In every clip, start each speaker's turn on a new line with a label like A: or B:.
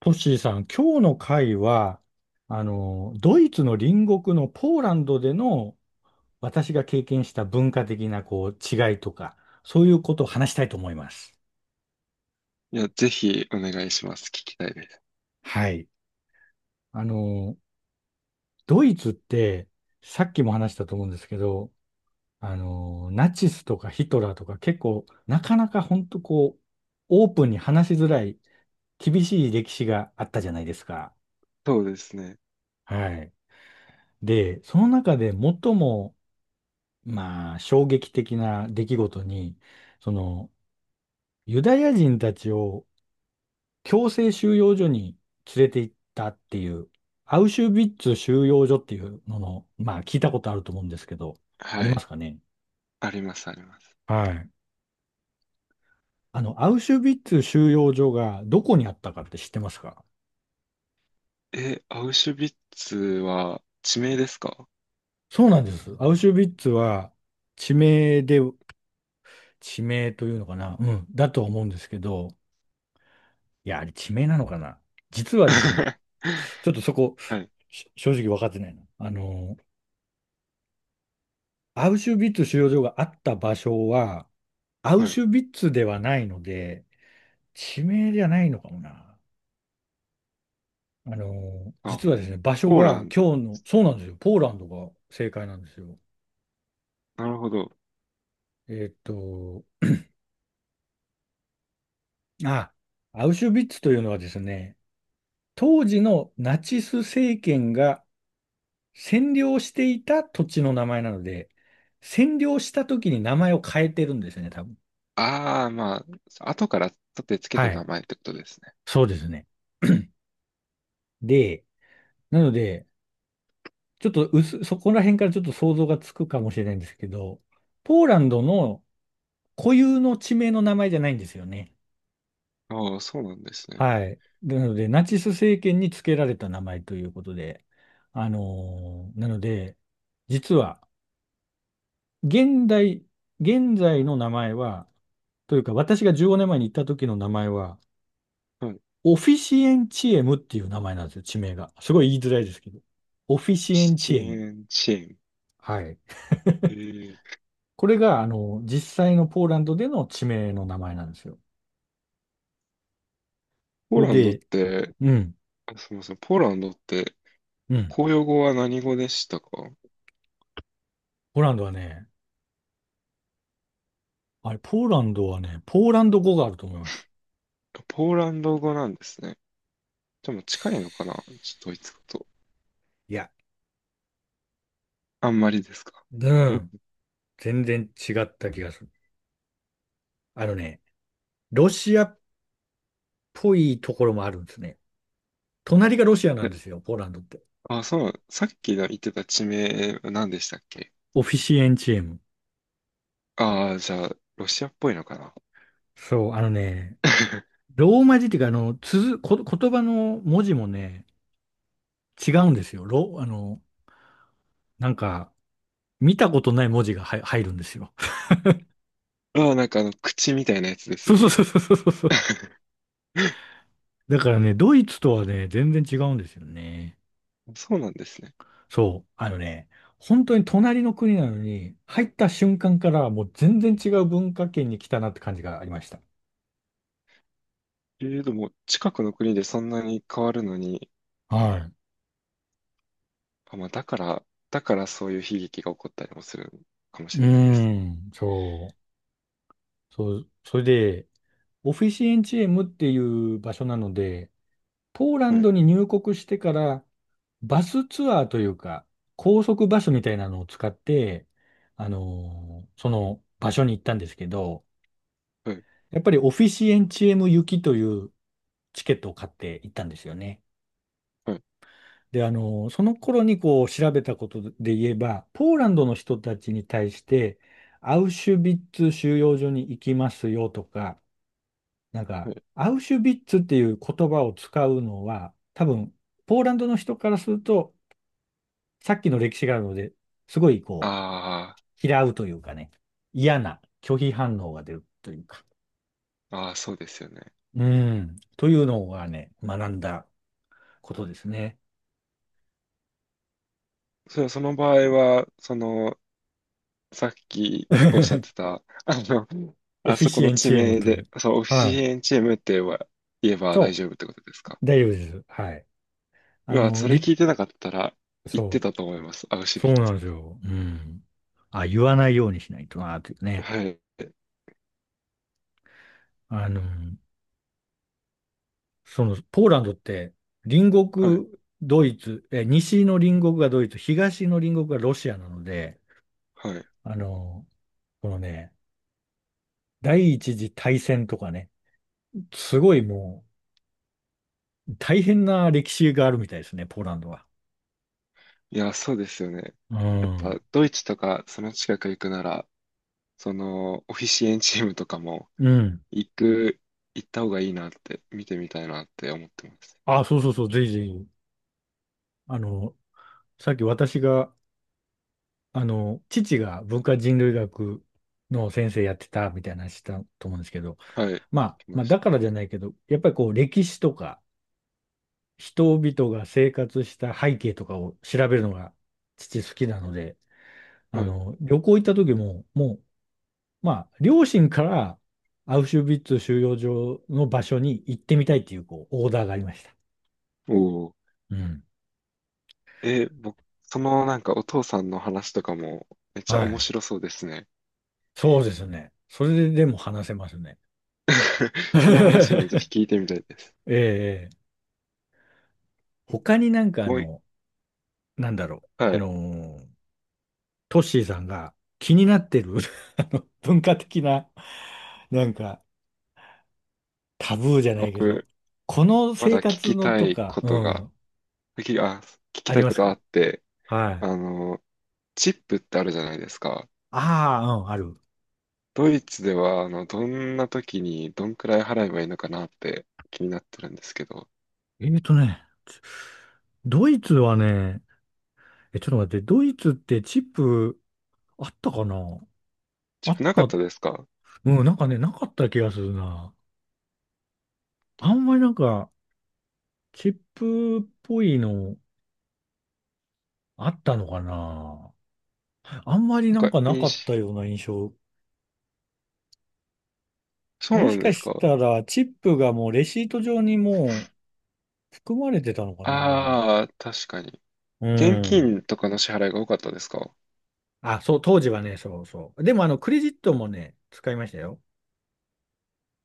A: トッシーさん、今日の回は、ドイツの隣国のポーランドでの私が経験した文化的なこう違いとか、そういうことを話したいと思います。
B: いや、ぜひお願いします。聞きたいです。
A: はい。あの、ドイツって、さっきも話したと思うんですけど、ナチスとかヒトラーとか結構、なかなか本当こう、オープンに話しづらい、厳しい歴史があったじゃないですか。
B: そうですね。
A: はい。で、その中で最もまあ、衝撃的な出来事に、その、ユダヤ人たちを強制収容所に連れて行ったっていう、アウシュビッツ収容所っていうのの、まあ、聞いたことあると思うんですけど、あ
B: は
A: りま
B: い。
A: すかね？
B: あります、あります。
A: はい。アウシュビッツ収容所がどこにあったかって知ってますか？
B: え、アウシュビッツは地名ですか？
A: そうなんです。アウシュビッツは地名で、地名というのかな、うん、だと思うんですけど、いや、あれ地名なのかな？実はですね、ちょっとそこ、
B: はい、
A: 正直分かってないな。アウシュビッツ収容所があった場所は、アウ
B: はい。
A: シュビッツではないので、地名じゃないのかもな。
B: あ、
A: 実はですね、場所
B: ポーラ
A: が
B: ンド
A: 今日の、そうなんですよ、ポーランドが正解なんですよ。
B: の。なるほど。
A: えーっと、あ、アウシュビッツというのはですね、当時のナチス政権が占領していた土地の名前なので、占領した時に名前を変えてるんですね、多分。
B: ああ、まあ、後から立てつけ
A: は
B: た名
A: い。
B: 前ってことですね。
A: そうですね。で、なので、ちょっとそこら辺からちょっと想像がつくかもしれないんですけど、ポーランドの固有の地名の名前じゃないんですよね。
B: ああ、そうなんですね。
A: はい。なので、ナチス政権に付けられた名前ということで、なので、実は、現代、現在の名前は、というか、私が15年前に行った時の名前は、
B: はい。
A: オフィシエンチエムっていう名前なんですよ、地名が。すごい言いづらいですけど。オフィシ
B: ピ
A: エ
B: シ
A: ン
B: チ
A: チエム。
B: エンチェン。
A: はい。
B: えー、
A: これが、実際のポーランドでの地名の名前なんですよ。
B: ポ
A: そ
B: ー
A: れ
B: ランドっ
A: で、
B: て、
A: うん、
B: あ、すみません、ポーランドって、
A: うん。
B: 公用語は何語でしたか？
A: ポーランドはね、ポーランドはね、ポーランド語があると思います。
B: ポーランド語なんですね。でも近いのかな、ちょっとドイツ語と。
A: いや、
B: あんまりですか？
A: う
B: うん。
A: ん。全然違った気がする。あのね、ロシアっぽいところもあるんですね。隣がロシアなん
B: え、
A: ですよ、ポーランドって。
B: あ、そう、さっきの言ってた地名、何でしたっけ？
A: オフィシエンチエム。
B: ああー、じゃあ、ロシアっぽいのかな？
A: そう、あのね、ローマ字っていうか、あの、つづ、こ、言葉の文字もね、違うんですよ。ロ、あの、なんか、見たことない文字が入るんですよ。
B: ああ、なんかあの、口みたいなやつです
A: そ
B: よ
A: うそう
B: ね。
A: そうそうそうそう。だからね、ドイツとはね、全然違うんですよね。
B: そうなんですね。
A: そう。あのね、本当に隣の国なのに、入った瞬間からもう全然違う文化圏に来たなって感じがありました。
B: でも、近くの国でそんなに変わるのに、
A: はい。
B: あ、まあ、だからそういう悲劇が起こったりもするかも
A: う
B: しれないです
A: ー
B: ね。
A: ん、そう。そう、それで、オフィシエンチエムっていう場所なので、ポーラ
B: は
A: ン
B: い、
A: ドに入国してからバスツアーというか、高速バスみたいなのを使って、その場所に行ったんですけど、
B: はい、
A: やっぱりオフィシエンチエム行きというチケットを買って行ったんですよね。
B: はい、
A: で、その頃にこう調べたことで言えば、ポーランドの人たちに対して、アウシュビッツ収容所に行きますよとか、なん
B: は
A: か、
B: い。
A: アウシュビッツっていう言葉を使うのは、多分、ポーランドの人からすると、さっきの歴史があるので、すごいこ
B: あ
A: う、嫌うというかね、嫌な拒否反応が出るというか、
B: あ、ああ、そうですよね。
A: うん、というのがね、学んだことですね。
B: それはその場合は、その、さっきおっしゃって た、あの、
A: オ
B: あ
A: フィ
B: そこ
A: シ
B: の
A: エン
B: 地
A: チエム
B: 名
A: という。
B: で、そう、オフィ
A: は
B: シ
A: い。
B: エンチームって言えば大
A: そう、
B: 丈夫ってことですか？
A: 大丈夫です。はい。
B: う
A: あ
B: わ、
A: の、
B: それ
A: り、
B: 聞いてなかったら、言って
A: そ
B: たと思います、アウ
A: う、
B: シュ
A: そ
B: ビッ
A: うな
B: ツ。
A: んですよ。うん。あ、言わないようにしないとな、というね。
B: はい、
A: あの、ポーランドって、隣
B: はい、
A: 国、ドイツ、西の隣国がドイツ、東の隣国がロシアなので、
B: はい。
A: あの、このね、第一次大戦とかね、すごいもう大変な歴史があるみたいですね、ポーランドは。
B: いや、そうですよね。
A: う
B: やっ
A: ん。
B: ぱ、ドイツとか、その近く行くなら、その、オフィシエンチームとかも、
A: うん。
B: 行く、行った方がいいなって、見てみたいなって思ってます。
A: あ、そうそうそう、ぜひぜひ。あの、さっき私が、父が文化人類学の先生やってたみたいな話したと思うんですけど、
B: はい、
A: まあ、
B: 来
A: ま
B: ま
A: あ、
B: し
A: だからじゃないけど、やっぱりこう、歴史とか、人々が生活した背景とかを調べるのが父好きなので、
B: た。はい。
A: 旅行行った時も、もうまあ、両親からアウシュビッツ収容所の場所に行ってみたいっていう、こう、オーダーがありました。
B: おー。
A: うん。
B: え、僕、そのなんかお父さんの話とかもめっちゃ
A: は
B: 面
A: い。
B: 白そうですね。
A: そうですね。それででも話せますね。
B: その話もぜひ聞いてみたいです。
A: ええ他になんか
B: もうい
A: なんだろう。
B: は回、
A: トッシーさんが気になってる あの文化的な、なんか、タブーじゃないけど、
B: 僕、
A: この
B: ま
A: 生
B: だ聞
A: 活
B: き
A: の
B: た
A: と
B: い
A: か、
B: こ
A: う
B: とが、
A: ん、
B: きあ、聞き
A: あ
B: た
A: り
B: い
A: ま
B: こ
A: す
B: とあ
A: か？
B: って、
A: はい。
B: あの、チップってあるじゃないですか。
A: ああ、うん、ある。
B: ドイツでは、あの、どんな時にどんくらい払えばいいのかなって気になってるんですけど、
A: えっとね、ドイツはね、ちょっと待って、ドイツってチップあったかな？あ
B: チップ
A: っ
B: なかっ
A: た、
B: たですか？
A: うん、なんかね、なかった気がするな。あんまりなんか、チップっぽいのあったのかな？あんまり
B: なん
A: なん
B: か、
A: かなかっ
B: 印
A: た
B: 象、
A: ような印象。
B: そう
A: も
B: な
A: し
B: んで
A: か
B: す
A: し
B: か？
A: たら、チップがもうレシート上にもう含まれてたのかな？
B: ああー、確かに。
A: う
B: 現
A: ん。
B: 金とかの支払いが多かったですか？
A: あ、そう、当時はね、そうそう。でもクレジットもね、使いましたよ。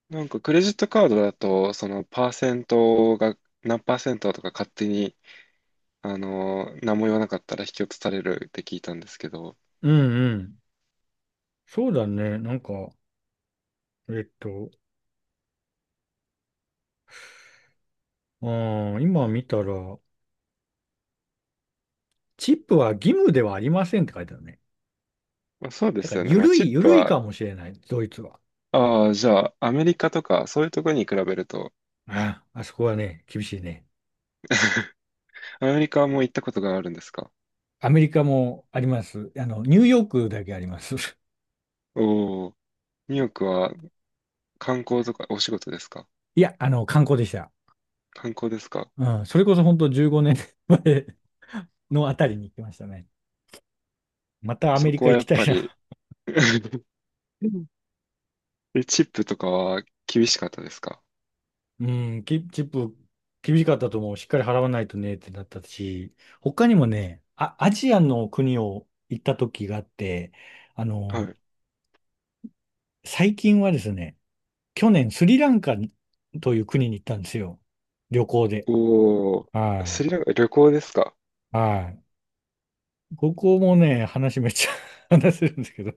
B: なんかクレジットカードだと、そのパーセントが何パーセントとか勝手に、あの何も言わなかったら引き落とされるって聞いたんですけど、
A: うんうん。そうだね、なんか、えっと、うん、今見たら、チップは義務ではありませんって書いてあるね。
B: まあ、そうで
A: だか
B: す
A: ら、
B: よね。
A: ゆ
B: まあ、
A: る
B: チ
A: い、
B: ッ
A: ゆ
B: プ
A: るい
B: は、
A: かもしれない、ドイツは。
B: ああ、じゃあアメリカとかそういうところに比べると、
A: ああ、あそこはね、厳しいね。
B: アメリカはもう行ったことがあるんですか？
A: アメリカもあります。ニューヨークだけあります。
B: おお、ニューヨークは観光とかお仕事ですか？
A: いや、観光でした。
B: 観光ですか？
A: うん、それこそ本当15年前のあたりに行きましたね。またアメ
B: そ
A: リ
B: こ
A: カ
B: は
A: 行
B: や
A: き
B: っ
A: たい
B: ぱり
A: な。
B: チップとかは厳しかったですか？
A: うん、チップ厳しかったと思う。しっかり払わないとねってなったし、他にもね、あ、アジアの国を行った時があって、あ
B: は
A: の、
B: い。
A: 最近はですね、去年スリランカという国に行ったんですよ。旅行で。
B: おお、
A: は
B: ス
A: い。
B: リランカ旅行ですか？
A: はい。ここもね、話めっちゃ 話せるんですけど、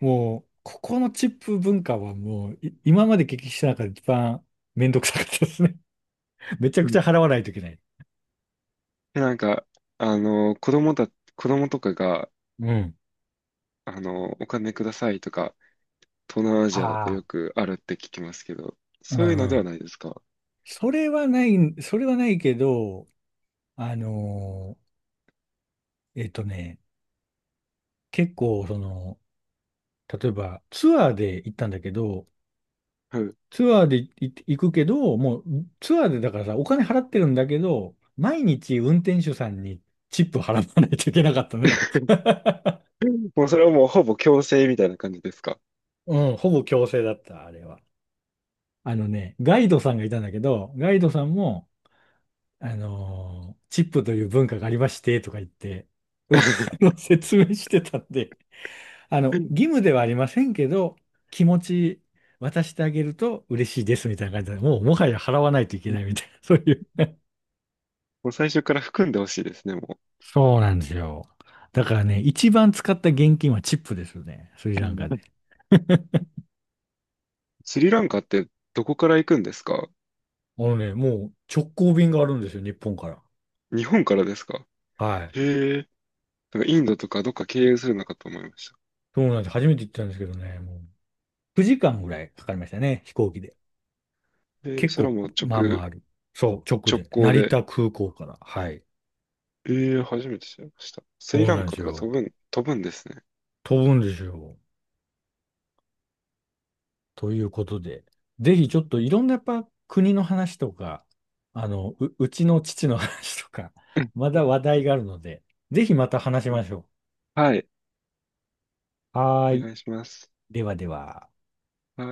A: もう、ここのチップ文化はもう、今まで経験した中で一番めんどくさかったですね。めちゃくちゃ払わないといけない。
B: で、なんか、あの、子供とかが、
A: うん。
B: あの、お金くださいとか、東南アジアだと
A: ああ。
B: よくあるって聞きますけど、
A: うん
B: そういうの
A: う
B: では
A: ん。
B: ないですか？
A: それはない、それはないけど、あのーえっとね、結構、例えばツアーで行ったんだけど、
B: はい。
A: ツアーで行くけど、もうツアーでだからさ、お金払ってるんだけど、毎日運転手さんにチップ払わないといけなかったのよ。
B: もうそれはもうほぼ強制みたいな感じですか？
A: うん、ほぼ強制だった、あれは。あのね、ガイドさんがいたんだけど、ガイドさんも、チップという文化がありまして、とか言って、うわあの 説明してたんで、義務ではありませんけど、気持ち渡してあげると嬉しいです、みたいな感じで、もうもはや払わないといけないみたいな、そういう
B: もう最初から含んでほしいですね、も
A: そうなんですよ。だからね、一番使った現金はチップですよね。スリ
B: う。う
A: ラン
B: ん。
A: カで。
B: スリランカってどこから行くんですか？
A: あのね、もう直行便があるんですよ、日本から。
B: 日本からですか？
A: はい。
B: へえ。なんかインドとかどっか経由するのかと思いまし
A: そうなんです。初めて行ったんですけどね、もう9時間ぐらいかかりましたね、飛行機で。
B: た。
A: 結
B: それ
A: 構、
B: はもう
A: まあまあ
B: 直、
A: ある。そう、直で。
B: 行
A: 成
B: で、
A: 田空港から。はい。
B: ええ、初めて知りました。スリ
A: そう
B: ラ
A: な
B: ン
A: んで
B: カ
A: す
B: とか
A: よ。
B: 飛ぶんですね。
A: 飛ぶんですよ。ということで、ぜひちょっといろんなやっぱ国の話とか、うちの父の話とか、
B: うん
A: まだ話題があるので、ぜひまた話し
B: うん。
A: ましょ
B: はい。
A: う。はー
B: お
A: い。
B: 願いします。
A: ではでは。
B: はい。